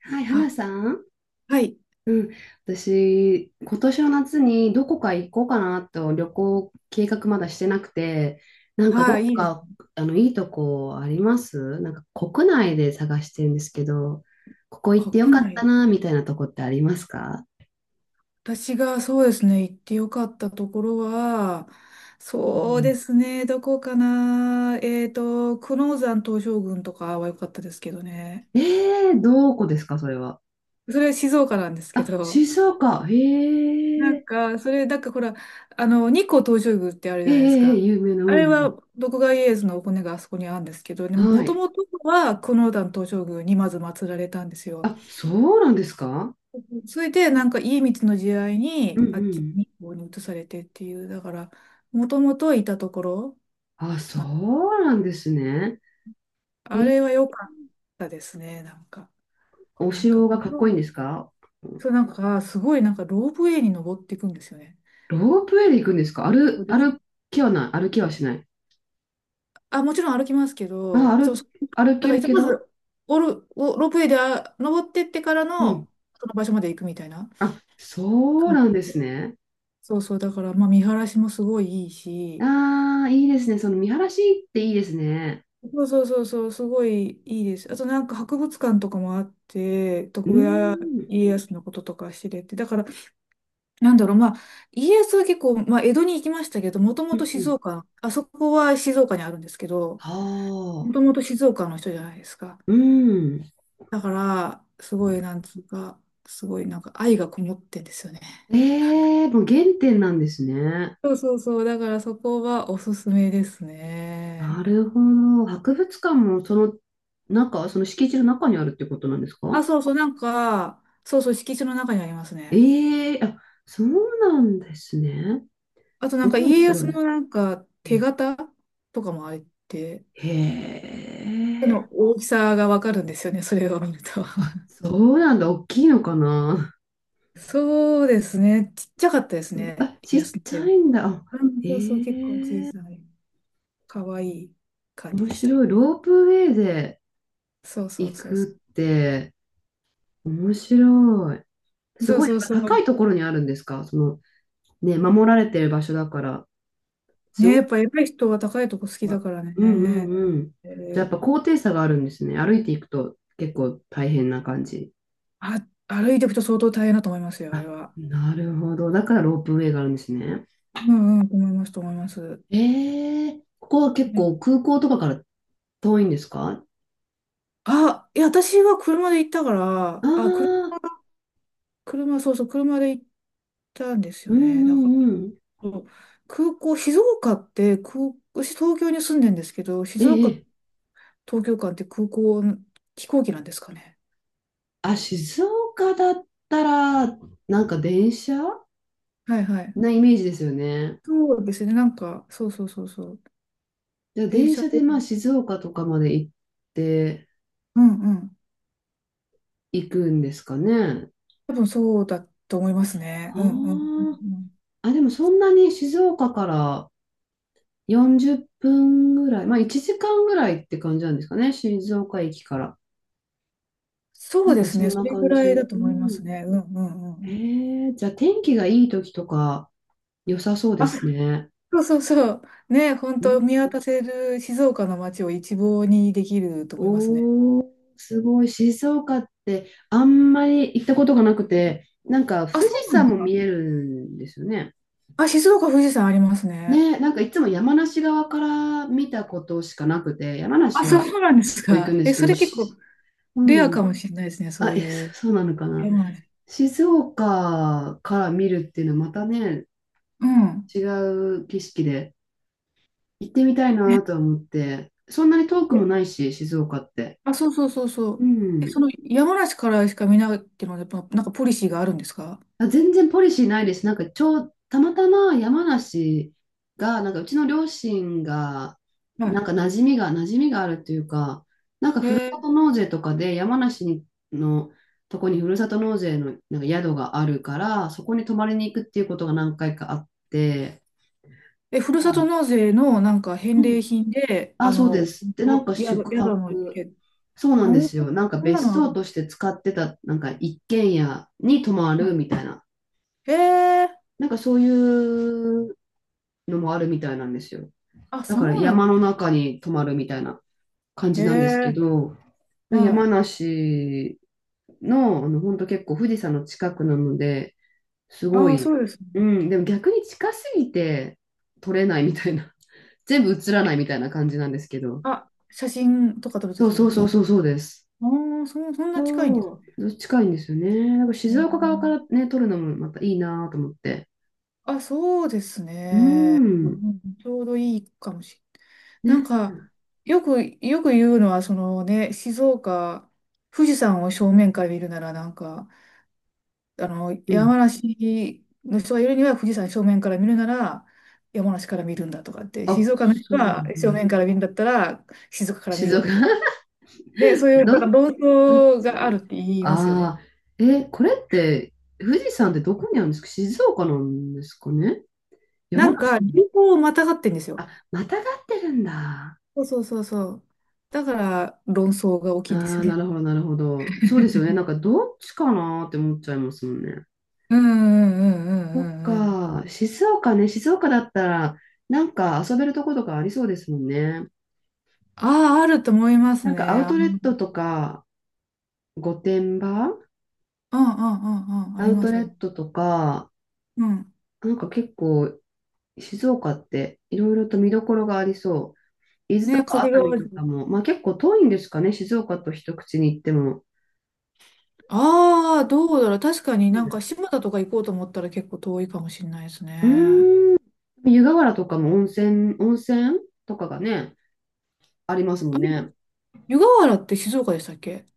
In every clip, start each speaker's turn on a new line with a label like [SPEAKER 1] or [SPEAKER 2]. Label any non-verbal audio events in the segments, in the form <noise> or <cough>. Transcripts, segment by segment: [SPEAKER 1] はい、花
[SPEAKER 2] あ、
[SPEAKER 1] さん。
[SPEAKER 2] はい、
[SPEAKER 1] うん。私、今年の夏にどこか行こうかなと旅行計画まだしてなくて、なんかど
[SPEAKER 2] はい、
[SPEAKER 1] っ
[SPEAKER 2] いいです。
[SPEAKER 1] か、あの、いいとこありますなんか国内で探してるんですけど、ここ行っ
[SPEAKER 2] 国
[SPEAKER 1] てよかった
[SPEAKER 2] 内。
[SPEAKER 1] な、みたいなとこってありますか？
[SPEAKER 2] 私がそうですね、行ってよかったところは、
[SPEAKER 1] う
[SPEAKER 2] そうで
[SPEAKER 1] ん、
[SPEAKER 2] すね、どこかな。久能山東照宮とかは良かったですけどね。
[SPEAKER 1] どこですか、それは。
[SPEAKER 2] それは静岡なんですけ
[SPEAKER 1] あ、
[SPEAKER 2] ど、
[SPEAKER 1] 静岡。へ
[SPEAKER 2] な
[SPEAKER 1] ー、
[SPEAKER 2] んか、それ、なんかほら、あの、日光東照宮ってあるじゃないですか。
[SPEAKER 1] 有名な、う
[SPEAKER 2] あれは、
[SPEAKER 1] ん。
[SPEAKER 2] 徳川家康のお骨があそこにあるんですけどね、
[SPEAKER 1] は
[SPEAKER 2] もと
[SPEAKER 1] い。
[SPEAKER 2] もとは久能山東照宮にまず祀られたんですよ。
[SPEAKER 1] あ、そうなんですか？
[SPEAKER 2] それで、なんか、家光の時代
[SPEAKER 1] うん
[SPEAKER 2] に、
[SPEAKER 1] う
[SPEAKER 2] あっち
[SPEAKER 1] ん。
[SPEAKER 2] に、こうに移されてっていう、だから、もともといたところ、
[SPEAKER 1] あ、そ
[SPEAKER 2] あ
[SPEAKER 1] うなんですね。
[SPEAKER 2] あれ
[SPEAKER 1] え、
[SPEAKER 2] は良かったですね、なんか。
[SPEAKER 1] お
[SPEAKER 2] なんか、
[SPEAKER 1] 城がかっこいいんですか？
[SPEAKER 2] そう、なんか、すごい、なんか、ロープウェイに登っていくんですよね。
[SPEAKER 1] ロープウェイで行くんですか？
[SPEAKER 2] そうです。
[SPEAKER 1] 歩きはない。歩きはしない。
[SPEAKER 2] あ、もちろん歩きますけ
[SPEAKER 1] あ、
[SPEAKER 2] ど、そう、そう、
[SPEAKER 1] 歩
[SPEAKER 2] だ
[SPEAKER 1] け
[SPEAKER 2] か
[SPEAKER 1] る
[SPEAKER 2] ら、
[SPEAKER 1] け
[SPEAKER 2] ま
[SPEAKER 1] ど、
[SPEAKER 2] ず、おる、お、ロープウェイで登ってってから
[SPEAKER 1] うん。
[SPEAKER 2] の、その場所まで行くみたいな
[SPEAKER 1] あ、そう
[SPEAKER 2] 感
[SPEAKER 1] なんで
[SPEAKER 2] じ
[SPEAKER 1] す
[SPEAKER 2] で。
[SPEAKER 1] ね。
[SPEAKER 2] そうそう、だから、まあ、見晴らしもすごいいいし、
[SPEAKER 1] ああ、いいですね。その見晴らしっていいですね。
[SPEAKER 2] そうそうそうそう、すごいいいです。あとなんか博物館とかもあって、
[SPEAKER 1] うー
[SPEAKER 2] 徳川
[SPEAKER 1] ん。
[SPEAKER 2] 家康のこととか知れて、だから、なんだろう、まあ、家康は結構、まあ、江戸に行きましたけど、もと
[SPEAKER 1] う
[SPEAKER 2] もと
[SPEAKER 1] んう
[SPEAKER 2] 静
[SPEAKER 1] ん。
[SPEAKER 2] 岡、あそこは静岡にあるんですけど、
[SPEAKER 1] は
[SPEAKER 2] もと
[SPEAKER 1] あ。
[SPEAKER 2] もと静岡の人じゃないですか。
[SPEAKER 1] うん。
[SPEAKER 2] だから、すごい、なんつうか、すごいなんか愛がこもってんですよね。
[SPEAKER 1] ええ、もう原点なんですね。
[SPEAKER 2] そうそうそう、だからそこはおすすめです
[SPEAKER 1] な
[SPEAKER 2] ね。
[SPEAKER 1] るほど。博物館もその中、その敷地の中にあるってことなんです
[SPEAKER 2] あ、
[SPEAKER 1] か？
[SPEAKER 2] そうそう、なんか、そうそう、敷地の中にありますね。
[SPEAKER 1] ええ、あ、そうなんですね。
[SPEAKER 2] あとな
[SPEAKER 1] す
[SPEAKER 2] んか
[SPEAKER 1] ごい
[SPEAKER 2] 家康
[SPEAKER 1] 広い。
[SPEAKER 2] のなんか
[SPEAKER 1] う
[SPEAKER 2] 手
[SPEAKER 1] ん、
[SPEAKER 2] 形とかもあれって、
[SPEAKER 1] へ
[SPEAKER 2] 手の
[SPEAKER 1] え。
[SPEAKER 2] 大きさがわかるんですよね、それを見ると。
[SPEAKER 1] あ、そうなんだ。大きいのかな。
[SPEAKER 2] <laughs> そうですね、ちっちゃかったですね、
[SPEAKER 1] あ、ち
[SPEAKER 2] 家
[SPEAKER 1] っ
[SPEAKER 2] 康の
[SPEAKER 1] ち
[SPEAKER 2] 手
[SPEAKER 1] ゃ
[SPEAKER 2] は。
[SPEAKER 1] いんだ。あ、
[SPEAKER 2] うん
[SPEAKER 1] へ
[SPEAKER 2] そうそう、結構小
[SPEAKER 1] え。
[SPEAKER 2] さい、かわいい感じ
[SPEAKER 1] 面
[SPEAKER 2] でした。
[SPEAKER 1] 白い。ロープウェイで
[SPEAKER 2] そうそう
[SPEAKER 1] 行
[SPEAKER 2] そうそ
[SPEAKER 1] くって面白い。
[SPEAKER 2] う。
[SPEAKER 1] す
[SPEAKER 2] そう
[SPEAKER 1] ごい、
[SPEAKER 2] そうそ
[SPEAKER 1] やっぱ高
[SPEAKER 2] う。
[SPEAKER 1] いところにあるんですか？その、ね、守られてる場所だから。す
[SPEAKER 2] ね、
[SPEAKER 1] ご
[SPEAKER 2] やっ
[SPEAKER 1] い。
[SPEAKER 2] ぱ偉い人は高いとこ好きだから
[SPEAKER 1] うんう
[SPEAKER 2] ね。
[SPEAKER 1] んうん。
[SPEAKER 2] え
[SPEAKER 1] じゃあやっ
[SPEAKER 2] ー、
[SPEAKER 1] ぱ高低差があるんですね。歩いていくと結構大変な感じ。
[SPEAKER 2] あ、歩いていくと相当大変だと思いますよ、あれ
[SPEAKER 1] あ、
[SPEAKER 2] は。
[SPEAKER 1] なるほど。だからロープウェイがあるんですね。
[SPEAKER 2] うんうん、思います。
[SPEAKER 1] ええ、ここは結
[SPEAKER 2] ね、
[SPEAKER 1] 構空港とかから遠いんですか？
[SPEAKER 2] あ、いや、私は車で行ったか
[SPEAKER 1] ああ
[SPEAKER 2] ら、あ、
[SPEAKER 1] ー、
[SPEAKER 2] そうそう、車で行ったんです
[SPEAKER 1] う
[SPEAKER 2] よ
[SPEAKER 1] ん
[SPEAKER 2] ね。
[SPEAKER 1] う
[SPEAKER 2] だから、
[SPEAKER 1] んうん。
[SPEAKER 2] そう、空港、静岡って空、私東京に住んでんですけど、
[SPEAKER 1] え
[SPEAKER 2] 静岡、
[SPEAKER 1] え、
[SPEAKER 2] 東京間って空港、飛行機なんですかね。
[SPEAKER 1] あ、静岡だったら、なんか電車
[SPEAKER 2] はいはい。
[SPEAKER 1] なイメージですよね。
[SPEAKER 2] そうですね、なんか、そうそうそうそう。
[SPEAKER 1] じゃあ
[SPEAKER 2] 電
[SPEAKER 1] 電
[SPEAKER 2] 車
[SPEAKER 1] 車で
[SPEAKER 2] で、
[SPEAKER 1] まあ静岡とかまで行って
[SPEAKER 2] うんうん。
[SPEAKER 1] 行くんですかね。
[SPEAKER 2] 多分そうだと思いますね。うんうんうん
[SPEAKER 1] は
[SPEAKER 2] うん。
[SPEAKER 1] あ。あ、でもそんなに静岡から40分ぐらい、まあ1時間ぐらいって感じなんですかね。静岡駅から。
[SPEAKER 2] そ
[SPEAKER 1] な
[SPEAKER 2] う
[SPEAKER 1] ん
[SPEAKER 2] で
[SPEAKER 1] か
[SPEAKER 2] す
[SPEAKER 1] そ
[SPEAKER 2] ね、
[SPEAKER 1] ん
[SPEAKER 2] そ
[SPEAKER 1] な
[SPEAKER 2] れぐ
[SPEAKER 1] 感じ。
[SPEAKER 2] らいだと
[SPEAKER 1] う
[SPEAKER 2] 思います
[SPEAKER 1] ん。
[SPEAKER 2] ね。うんうんうん。
[SPEAKER 1] ええ、じゃあ天気がいい時とか良さそうで
[SPEAKER 2] あ、
[SPEAKER 1] すね。
[SPEAKER 2] そうそうそう。ね、本
[SPEAKER 1] う
[SPEAKER 2] 当見
[SPEAKER 1] ん、
[SPEAKER 2] 渡せる静岡の街を一望にできると思いますね。
[SPEAKER 1] おー、すごい。静岡ってあんまり行ったことがなくて、なんか
[SPEAKER 2] あ、
[SPEAKER 1] 富
[SPEAKER 2] そ
[SPEAKER 1] 士
[SPEAKER 2] うなんで
[SPEAKER 1] 山
[SPEAKER 2] す
[SPEAKER 1] も
[SPEAKER 2] か。
[SPEAKER 1] 見えるんですよね。
[SPEAKER 2] あ、静岡、富士山ありますね。
[SPEAKER 1] ね、なんかいつも山梨側から見たことしかなくて、山
[SPEAKER 2] あ、
[SPEAKER 1] 梨
[SPEAKER 2] そ
[SPEAKER 1] は
[SPEAKER 2] うなんです
[SPEAKER 1] 結構行くん
[SPEAKER 2] か。
[SPEAKER 1] です
[SPEAKER 2] え、
[SPEAKER 1] け
[SPEAKER 2] そ
[SPEAKER 1] ど、
[SPEAKER 2] れ結構
[SPEAKER 1] う
[SPEAKER 2] レアか
[SPEAKER 1] ん。
[SPEAKER 2] もしれないですね、そ
[SPEAKER 1] あ、
[SPEAKER 2] う
[SPEAKER 1] え、
[SPEAKER 2] いう
[SPEAKER 1] そうなのかな。
[SPEAKER 2] 山梨。
[SPEAKER 1] 静岡から見るっていうのはまたね、
[SPEAKER 2] うん。
[SPEAKER 1] 違う景色で。行ってみたい
[SPEAKER 2] ね
[SPEAKER 1] なとは思って、そんなに遠く
[SPEAKER 2] え、
[SPEAKER 1] もないし、静岡って。
[SPEAKER 2] あ、そうそうそうそ
[SPEAKER 1] う
[SPEAKER 2] う。え、
[SPEAKER 1] ん。
[SPEAKER 2] その山梨からしか見ないっていうのは、やっぱなんかポリシーがあるんですか？
[SPEAKER 1] あ、全然ポリシーないです。なんか、ちょう、たまたま山梨が、なんか、うちの両親が、な
[SPEAKER 2] は
[SPEAKER 1] んか、馴染みがあるというか、なんか、
[SPEAKER 2] い。
[SPEAKER 1] ふる
[SPEAKER 2] え
[SPEAKER 1] さ
[SPEAKER 2] ー、
[SPEAKER 1] と納税とかで、山梨にのとこにふるさと納税のなんか宿があるから、そこに泊まりに行くっていうことが何回かあって、
[SPEAKER 2] え、ふるさと
[SPEAKER 1] あ、
[SPEAKER 2] 納税のなんか
[SPEAKER 1] う
[SPEAKER 2] 返礼
[SPEAKER 1] ん。
[SPEAKER 2] 品で、
[SPEAKER 1] あ、
[SPEAKER 2] あ
[SPEAKER 1] そうで
[SPEAKER 2] の、
[SPEAKER 1] す。で、なんか、
[SPEAKER 2] 宿、
[SPEAKER 1] 宿
[SPEAKER 2] 宿の
[SPEAKER 1] 泊。
[SPEAKER 2] け、
[SPEAKER 1] そうな
[SPEAKER 2] う
[SPEAKER 1] んで
[SPEAKER 2] ん、
[SPEAKER 1] すよ。なんか
[SPEAKER 2] そんな
[SPEAKER 1] 別
[SPEAKER 2] のある
[SPEAKER 1] 荘
[SPEAKER 2] の？
[SPEAKER 1] として使ってた、なんか一軒家に泊ま
[SPEAKER 2] は
[SPEAKER 1] るみたいな、
[SPEAKER 2] い。へえー、
[SPEAKER 1] なんかそういうのもあるみたいなんですよ。
[SPEAKER 2] あ、
[SPEAKER 1] だ
[SPEAKER 2] そ
[SPEAKER 1] から
[SPEAKER 2] うなん
[SPEAKER 1] 山
[SPEAKER 2] で
[SPEAKER 1] の
[SPEAKER 2] すね。
[SPEAKER 1] 中に泊まるみたいな感
[SPEAKER 2] へ
[SPEAKER 1] じなんですけ
[SPEAKER 2] え
[SPEAKER 1] ど、
[SPEAKER 2] ー、はい。
[SPEAKER 1] 山梨の、あの、本当結構富士山の近くなので、すご
[SPEAKER 2] ああ、そ
[SPEAKER 1] い、
[SPEAKER 2] うですね。
[SPEAKER 1] うん、でも逆に近すぎて撮れないみたいな、<laughs> 全部映らないみたいな感じなんですけど、
[SPEAKER 2] あ、写真とか撮ると
[SPEAKER 1] そう
[SPEAKER 2] き
[SPEAKER 1] そうそ
[SPEAKER 2] にい
[SPEAKER 1] う
[SPEAKER 2] いと、
[SPEAKER 1] そうそうです。
[SPEAKER 2] ああ、そんな近いんですね。
[SPEAKER 1] そう、近いんですよね。なんか
[SPEAKER 2] う
[SPEAKER 1] 静岡側か
[SPEAKER 2] ん、
[SPEAKER 1] らね、撮るのもまたいいなと思って。
[SPEAKER 2] あ、そうです
[SPEAKER 1] うー
[SPEAKER 2] ね。
[SPEAKER 1] ん。
[SPEAKER 2] うん、ちょうどいいかもしれない。な
[SPEAKER 1] ね。
[SPEAKER 2] んか、よく言うのは、そのね、静岡、富士山を正面から見るなら、なんか、あの、
[SPEAKER 1] う
[SPEAKER 2] 山
[SPEAKER 1] ん。
[SPEAKER 2] 梨の人がいるには、富士山正面から見るなら、山梨から見るんだとかって、
[SPEAKER 1] あ、
[SPEAKER 2] 静岡の
[SPEAKER 1] そ
[SPEAKER 2] 人
[SPEAKER 1] うな
[SPEAKER 2] は
[SPEAKER 1] ん
[SPEAKER 2] 正
[SPEAKER 1] だ。
[SPEAKER 2] 面から見るんだったら、静岡から
[SPEAKER 1] 静
[SPEAKER 2] 見ろ
[SPEAKER 1] 岡。
[SPEAKER 2] みたいな。で、そ
[SPEAKER 1] <laughs>
[SPEAKER 2] ういう、
[SPEAKER 1] ど、
[SPEAKER 2] なんか論
[SPEAKER 1] どっ
[SPEAKER 2] 争があるっ
[SPEAKER 1] ち、
[SPEAKER 2] て言いますよね。
[SPEAKER 1] ああー、え、これって、富士山ってどこにあるんですか？静岡なんですかね？山梨なの？
[SPEAKER 2] 流行をまたがってんですよ。
[SPEAKER 1] あ、またがってるんだ。
[SPEAKER 2] そうそうそうそう。だから、論争が大き
[SPEAKER 1] あ
[SPEAKER 2] いんです
[SPEAKER 1] あ、
[SPEAKER 2] よ
[SPEAKER 1] な
[SPEAKER 2] ね。
[SPEAKER 1] るほど、なるほど。そうですよね。なんかどっちかなって思っちゃいますもんね。
[SPEAKER 2] うんうんうんうん
[SPEAKER 1] そっ
[SPEAKER 2] うんうん。
[SPEAKER 1] か、静岡ね、静岡だったら、なんか遊べるとことかありそうですもんね。
[SPEAKER 2] ああ、あると思います
[SPEAKER 1] なんかア
[SPEAKER 2] ね。
[SPEAKER 1] ウ
[SPEAKER 2] あ、う
[SPEAKER 1] トレットとか、御殿場
[SPEAKER 2] んうんうんうん。あ
[SPEAKER 1] ア
[SPEAKER 2] り
[SPEAKER 1] ウ
[SPEAKER 2] ま
[SPEAKER 1] ト
[SPEAKER 2] す、あ
[SPEAKER 1] レ
[SPEAKER 2] りま
[SPEAKER 1] ッ
[SPEAKER 2] す。
[SPEAKER 1] トとか、
[SPEAKER 2] うん。
[SPEAKER 1] なんか結構、静岡っていろいろと見どころがありそう。伊豆
[SPEAKER 2] ね、
[SPEAKER 1] とか熱
[SPEAKER 2] 掛
[SPEAKER 1] 海
[SPEAKER 2] 川
[SPEAKER 1] と
[SPEAKER 2] 城。
[SPEAKER 1] かも、まあ結構遠いんですかね、静岡と一口に行っても。
[SPEAKER 2] ああ、どうだろう。確かになんか島田とか行こうと思ったら結構遠いかもしれないです
[SPEAKER 1] う
[SPEAKER 2] ね。
[SPEAKER 1] ん、うーん、湯河原とかも温泉とかがね、ありますも
[SPEAKER 2] あ
[SPEAKER 1] ん
[SPEAKER 2] れ、
[SPEAKER 1] ね。
[SPEAKER 2] 湯河原って静岡でしたっけ？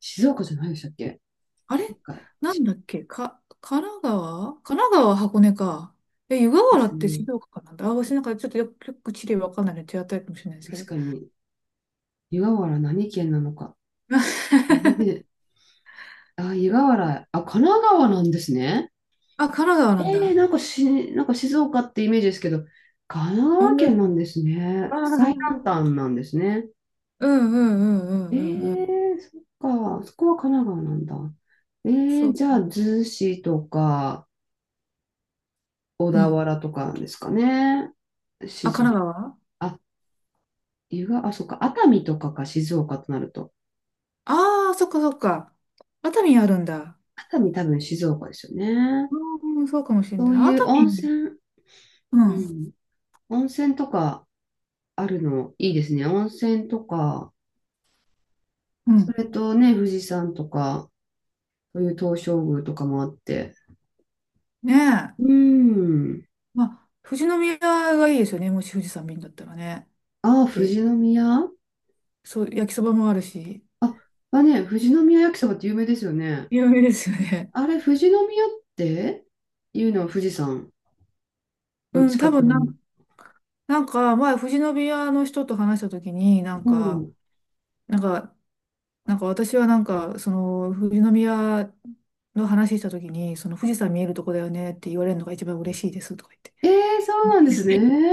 [SPEAKER 1] 静岡じゃないでしたっけ？
[SPEAKER 2] あれ、
[SPEAKER 1] なんか、
[SPEAKER 2] なんだっけか、神奈川、箱根か。え、湯河
[SPEAKER 1] で
[SPEAKER 2] 原
[SPEAKER 1] す
[SPEAKER 2] って
[SPEAKER 1] ね。
[SPEAKER 2] 静岡かなんだ。あ、私なんかちょっとよく、よく地理わかんないので手当たりかもしれないですけ
[SPEAKER 1] 確
[SPEAKER 2] ど。
[SPEAKER 1] かに。湯河原何県なのか。
[SPEAKER 2] <laughs>
[SPEAKER 1] ね、あ、湯河原、あ、神奈川なんですね。
[SPEAKER 2] あ、神奈川
[SPEAKER 1] え
[SPEAKER 2] なんだ。
[SPEAKER 1] なんかなんか静岡ってイメージですけど、神奈川
[SPEAKER 2] 本当
[SPEAKER 1] 県
[SPEAKER 2] です
[SPEAKER 1] な
[SPEAKER 2] ね。
[SPEAKER 1] んですね。
[SPEAKER 2] あ
[SPEAKER 1] 最
[SPEAKER 2] ー、
[SPEAKER 1] 南端なんですね。
[SPEAKER 2] うんうんうんうんうんうん。
[SPEAKER 1] そっか、そこは神奈川なんだ。え
[SPEAKER 2] そう。
[SPEAKER 1] じゃあ、逗子とか、小
[SPEAKER 2] う
[SPEAKER 1] 田
[SPEAKER 2] ん。
[SPEAKER 1] 原とかなんですかね。
[SPEAKER 2] あ、
[SPEAKER 1] 静
[SPEAKER 2] 神奈川。
[SPEAKER 1] 岡。あ、あ、そっか、熱海とかか、静岡となると。
[SPEAKER 2] ああー、そっかそっか。熱海あるんだ。
[SPEAKER 1] 熱海多分静岡ですよね。
[SPEAKER 2] うん、そうかもしれ
[SPEAKER 1] そ
[SPEAKER 2] ない。
[SPEAKER 1] うい
[SPEAKER 2] 熱
[SPEAKER 1] う温
[SPEAKER 2] 海。
[SPEAKER 1] 泉、
[SPEAKER 2] う
[SPEAKER 1] う
[SPEAKER 2] ん。
[SPEAKER 1] ん、温泉とかあるのいいですね。温泉とか、
[SPEAKER 2] う
[SPEAKER 1] そ
[SPEAKER 2] ん。
[SPEAKER 1] れとね、富士山とか、そういう東照宮とかもあって。
[SPEAKER 2] ね
[SPEAKER 1] う
[SPEAKER 2] え。
[SPEAKER 1] ーん。
[SPEAKER 2] まあ、富士宮がいいですよね。もし富士山見るんだったらね。
[SPEAKER 1] ああ、富
[SPEAKER 2] で、
[SPEAKER 1] 士宮。
[SPEAKER 2] そう、焼きそばもあるし。
[SPEAKER 1] あ、ね、富士宮焼きそばって有名ですよね。
[SPEAKER 2] 有名ですよね。
[SPEAKER 1] あれ、富士宮っていうのは富士山
[SPEAKER 2] <laughs>
[SPEAKER 1] の
[SPEAKER 2] うん、
[SPEAKER 1] 近
[SPEAKER 2] 多
[SPEAKER 1] く
[SPEAKER 2] 分
[SPEAKER 1] な
[SPEAKER 2] な
[SPEAKER 1] の。
[SPEAKER 2] ん、なんか前、富士宮の人と話したときに、なん
[SPEAKER 1] う
[SPEAKER 2] か、
[SPEAKER 1] ん。
[SPEAKER 2] なんか、なんか私はなんか、その、富士宮の話したときに、その富士山見えるとこだよねって言われるのが一番嬉しいですとか言って。
[SPEAKER 1] ええ、そうなんです
[SPEAKER 2] <laughs>
[SPEAKER 1] ね。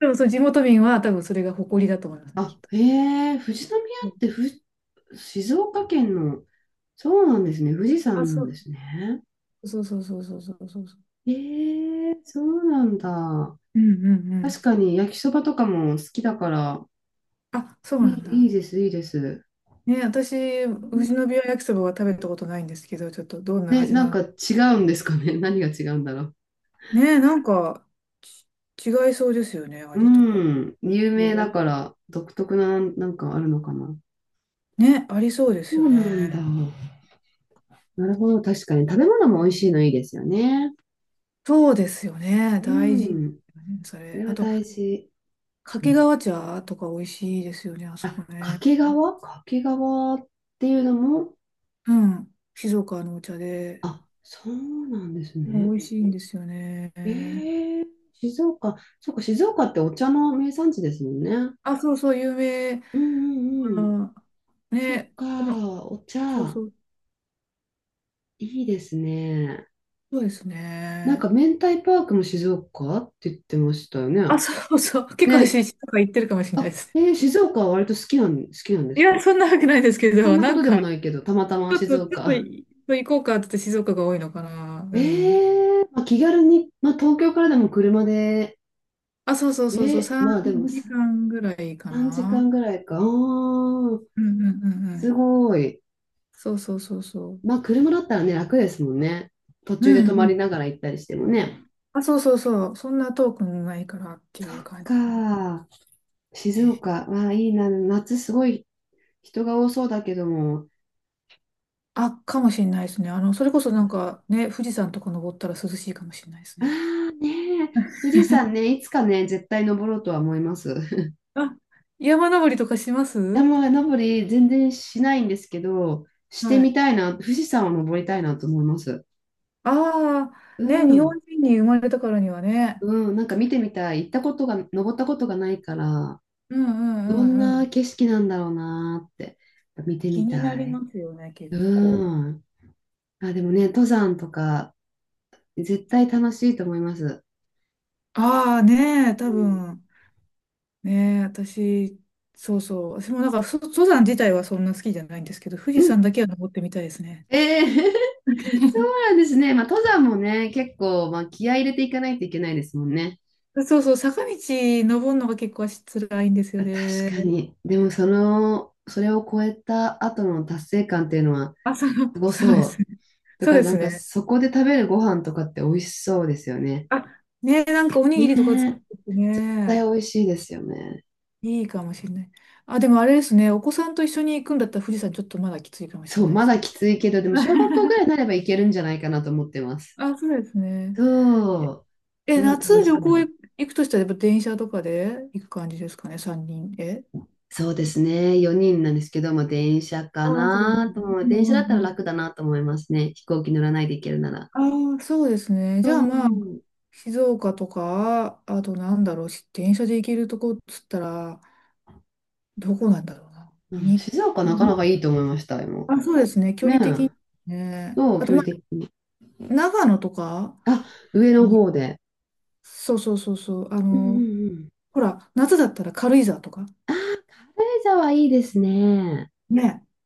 [SPEAKER 2] でも、その地元民は多分それが誇りだと思いますね、き
[SPEAKER 1] あ、
[SPEAKER 2] っと。
[SPEAKER 1] へえ、富士宮
[SPEAKER 2] うん、
[SPEAKER 1] って静岡県の、そうなんですね。富士
[SPEAKER 2] あ、
[SPEAKER 1] 山な
[SPEAKER 2] そ
[SPEAKER 1] んで
[SPEAKER 2] う、
[SPEAKER 1] すね。
[SPEAKER 2] そうそうそうそうそうそうそう。
[SPEAKER 1] ええ、そうなんだ。
[SPEAKER 2] うんうんう
[SPEAKER 1] 確
[SPEAKER 2] ん。
[SPEAKER 1] かに焼きそばとかも好きだから、
[SPEAKER 2] あ、そうなん
[SPEAKER 1] い
[SPEAKER 2] だ。
[SPEAKER 1] いです、いいです。
[SPEAKER 2] ね、私、富士宮焼きそばは食べたことないんですけど、ちょっとどんな
[SPEAKER 1] ね、
[SPEAKER 2] 味
[SPEAKER 1] な
[SPEAKER 2] な
[SPEAKER 1] んか
[SPEAKER 2] の？
[SPEAKER 1] 違うんですかね。<laughs> 何が違うんだろう。
[SPEAKER 2] ねえ、なんか、違いそうですよね、
[SPEAKER 1] う
[SPEAKER 2] 味とか。
[SPEAKER 1] ん、有
[SPEAKER 2] す
[SPEAKER 1] 名
[SPEAKER 2] ご
[SPEAKER 1] だ
[SPEAKER 2] い
[SPEAKER 1] から独特な、なんかあるのかな。
[SPEAKER 2] ね、ありそうで
[SPEAKER 1] そ
[SPEAKER 2] すよ
[SPEAKER 1] うなんだ。
[SPEAKER 2] ね。
[SPEAKER 1] なるほど、確かに。食べ物も美味しいのいいですよね。
[SPEAKER 2] そうですよね、
[SPEAKER 1] う
[SPEAKER 2] 大事。ね、
[SPEAKER 1] ん、
[SPEAKER 2] そ
[SPEAKER 1] そ
[SPEAKER 2] れ。
[SPEAKER 1] れ
[SPEAKER 2] あ
[SPEAKER 1] は
[SPEAKER 2] と、
[SPEAKER 1] 大事。う
[SPEAKER 2] 掛
[SPEAKER 1] ん、
[SPEAKER 2] 川茶とか美味しいですよね、あそこね。
[SPEAKER 1] 掛川っていうのも、
[SPEAKER 2] うん、静岡のお茶で。
[SPEAKER 1] あ、そうなんです
[SPEAKER 2] もう
[SPEAKER 1] ね。
[SPEAKER 2] 美味しいんですよね。
[SPEAKER 1] え、静岡、そっか、静岡ってお茶の名産地ですもんね。
[SPEAKER 2] あ、そうそう、有名。だか
[SPEAKER 1] うんうんうん。
[SPEAKER 2] ら
[SPEAKER 1] そっ
[SPEAKER 2] ね、この、
[SPEAKER 1] か、お
[SPEAKER 2] そう
[SPEAKER 1] 茶、
[SPEAKER 2] そう、
[SPEAKER 1] いいですね。
[SPEAKER 2] そうです
[SPEAKER 1] なんか、
[SPEAKER 2] ね。
[SPEAKER 1] 明太パークも静岡って言ってましたよね。
[SPEAKER 2] あ、そうそう、結構
[SPEAKER 1] ね、
[SPEAKER 2] 私、とか言ってるかもしれない
[SPEAKER 1] あ、
[SPEAKER 2] ですね。
[SPEAKER 1] 静岡は割と好きなんで
[SPEAKER 2] い
[SPEAKER 1] す
[SPEAKER 2] や、
[SPEAKER 1] か？
[SPEAKER 2] そんなわけないですけ
[SPEAKER 1] そん
[SPEAKER 2] ど、
[SPEAKER 1] な
[SPEAKER 2] な
[SPEAKER 1] こ
[SPEAKER 2] ん
[SPEAKER 1] とでもな
[SPEAKER 2] か、
[SPEAKER 1] いけど、たまたま静
[SPEAKER 2] ちょっと
[SPEAKER 1] 岡。
[SPEAKER 2] い、行こうかって言って静岡が多いのかな。う
[SPEAKER 1] え
[SPEAKER 2] ん。
[SPEAKER 1] え、まあ、気軽に、まあ、東京からでも車で、
[SPEAKER 2] あ、そうそう
[SPEAKER 1] え
[SPEAKER 2] そうそう、3
[SPEAKER 1] まあでもさ
[SPEAKER 2] 時間ぐらいか
[SPEAKER 1] 3時
[SPEAKER 2] な。
[SPEAKER 1] 間ぐらいか。ああ、
[SPEAKER 2] うんうんうんう
[SPEAKER 1] す
[SPEAKER 2] ん。
[SPEAKER 1] ごい。
[SPEAKER 2] そうそうそうそ
[SPEAKER 1] まあ、
[SPEAKER 2] う。
[SPEAKER 1] 車だったらね、楽ですもんね。途
[SPEAKER 2] う
[SPEAKER 1] 中で泊
[SPEAKER 2] ん
[SPEAKER 1] ま
[SPEAKER 2] う
[SPEAKER 1] り
[SPEAKER 2] ん。
[SPEAKER 1] ながら行ったりしてもね。
[SPEAKER 2] あ、そうそうそう。そんな遠くもないからって
[SPEAKER 1] そ
[SPEAKER 2] いう
[SPEAKER 1] っ
[SPEAKER 2] 感
[SPEAKER 1] か。
[SPEAKER 2] じ
[SPEAKER 1] 静
[SPEAKER 2] ね。
[SPEAKER 1] 岡。わあ、いいな。夏すごい人が多そうだけども。
[SPEAKER 2] あ、かもしれないですね。あの、それこそなんかね、富士山とか登ったら涼しいかもしれないです
[SPEAKER 1] あ
[SPEAKER 2] ね。
[SPEAKER 1] あ、ねえ。富士山
[SPEAKER 2] <laughs>
[SPEAKER 1] ね、いつかね、絶対登ろうとは思います。<laughs>
[SPEAKER 2] あ、山登りとかします？
[SPEAKER 1] 山登り全然しないんですけど、して
[SPEAKER 2] は
[SPEAKER 1] み
[SPEAKER 2] い。
[SPEAKER 1] たいな。富士山を登りたいなと思います。
[SPEAKER 2] あ
[SPEAKER 1] う
[SPEAKER 2] あ、ね、日
[SPEAKER 1] ん。
[SPEAKER 2] 本人に生まれたからにはね。
[SPEAKER 1] うん。なんか見てみたい。行ったことが、登ったことがないから、
[SPEAKER 2] うんう
[SPEAKER 1] ど
[SPEAKER 2] ん
[SPEAKER 1] ん
[SPEAKER 2] うんう
[SPEAKER 1] な
[SPEAKER 2] ん。
[SPEAKER 1] 景色なんだろうなーって、見て
[SPEAKER 2] 気
[SPEAKER 1] み
[SPEAKER 2] になり
[SPEAKER 1] た
[SPEAKER 2] ま
[SPEAKER 1] い。
[SPEAKER 2] すよね、結構。
[SPEAKER 1] うん。あ、でもね、登山とか、絶対楽しいと思います。
[SPEAKER 2] ああねえ、
[SPEAKER 1] う
[SPEAKER 2] 多
[SPEAKER 1] ん。
[SPEAKER 2] 分ねえ、私、そうそう、私もなんか登山自体はそんな好きじゃないんですけど、富
[SPEAKER 1] う
[SPEAKER 2] 士
[SPEAKER 1] ん、
[SPEAKER 2] 山だけは登ってみたいですね。
[SPEAKER 1] えー <laughs> そうなん
[SPEAKER 2] <laughs>
[SPEAKER 1] ですね。まあ、登山もね、結構、まあ、気合い入れていかないといけないですもんね。
[SPEAKER 2] そうそう、坂道登るのが結構足辛いんですよ
[SPEAKER 1] 確
[SPEAKER 2] ね。
[SPEAKER 1] かに。でも、その、それを超えた後の達成感っていうのは、
[SPEAKER 2] あ、
[SPEAKER 1] すご
[SPEAKER 2] そうで
[SPEAKER 1] そ
[SPEAKER 2] す
[SPEAKER 1] う。
[SPEAKER 2] ね。
[SPEAKER 1] と
[SPEAKER 2] そう
[SPEAKER 1] か、
[SPEAKER 2] で
[SPEAKER 1] な
[SPEAKER 2] す
[SPEAKER 1] んか、
[SPEAKER 2] ね。
[SPEAKER 1] そこで食べるご飯とかって美味しそうですよね。
[SPEAKER 2] あ、ねえ、なんかおに
[SPEAKER 1] ね
[SPEAKER 2] ぎりとか作
[SPEAKER 1] え。
[SPEAKER 2] ってて
[SPEAKER 1] 絶対
[SPEAKER 2] ね、
[SPEAKER 1] 美味しいですよね。
[SPEAKER 2] いいかもしれない。あ、でもあれですね、お子さんと一緒に行くんだったら富士山ちょっとまだきついかもし
[SPEAKER 1] そ
[SPEAKER 2] れ
[SPEAKER 1] う、
[SPEAKER 2] ないで
[SPEAKER 1] ま
[SPEAKER 2] す。
[SPEAKER 1] だきついけど、でも、小学
[SPEAKER 2] <laughs>
[SPEAKER 1] 校ぐらいになればいけるんじゃないかなと思ってます。
[SPEAKER 2] あ、そうですね。
[SPEAKER 1] そう。そ
[SPEAKER 2] え、
[SPEAKER 1] れを楽
[SPEAKER 2] 夏
[SPEAKER 1] し
[SPEAKER 2] 旅
[SPEAKER 1] み
[SPEAKER 2] 行
[SPEAKER 1] に。
[SPEAKER 2] 行行くとしたら、やっぱ電車とかで行く感じですかね、三人で。
[SPEAKER 1] そうですね。4人なんですけど、も電車か
[SPEAKER 2] ああ、そうです
[SPEAKER 1] な
[SPEAKER 2] ね。
[SPEAKER 1] と思う。
[SPEAKER 2] う
[SPEAKER 1] 電
[SPEAKER 2] ん
[SPEAKER 1] 車だ
[SPEAKER 2] う
[SPEAKER 1] ったら
[SPEAKER 2] んう
[SPEAKER 1] 楽だなと思いますね。飛行機乗らないで行けるなら。
[SPEAKER 2] ん。ああ、そうですね。
[SPEAKER 1] う
[SPEAKER 2] じゃあまあ、
[SPEAKER 1] ん。
[SPEAKER 2] 静岡とか、あとなんだろう、電車で行けるとこっつったら、どこなんだろうな。
[SPEAKER 1] うん、
[SPEAKER 2] に、
[SPEAKER 1] 静岡なかな
[SPEAKER 2] に、
[SPEAKER 1] かいいと思いました、今。
[SPEAKER 2] あ、そうですね。距
[SPEAKER 1] ねえ。
[SPEAKER 2] 離的にね。
[SPEAKER 1] そ
[SPEAKER 2] あ
[SPEAKER 1] う、
[SPEAKER 2] と
[SPEAKER 1] 距
[SPEAKER 2] ま
[SPEAKER 1] 離的に。
[SPEAKER 2] あ、長野とか、
[SPEAKER 1] あ、上の
[SPEAKER 2] に、
[SPEAKER 1] 方で。
[SPEAKER 2] そうそうそうそう。あ
[SPEAKER 1] うんう
[SPEAKER 2] の、
[SPEAKER 1] んうん。
[SPEAKER 2] ほら、夏だったら軽井沢とか。
[SPEAKER 1] 軽井沢いいですね。
[SPEAKER 2] ね。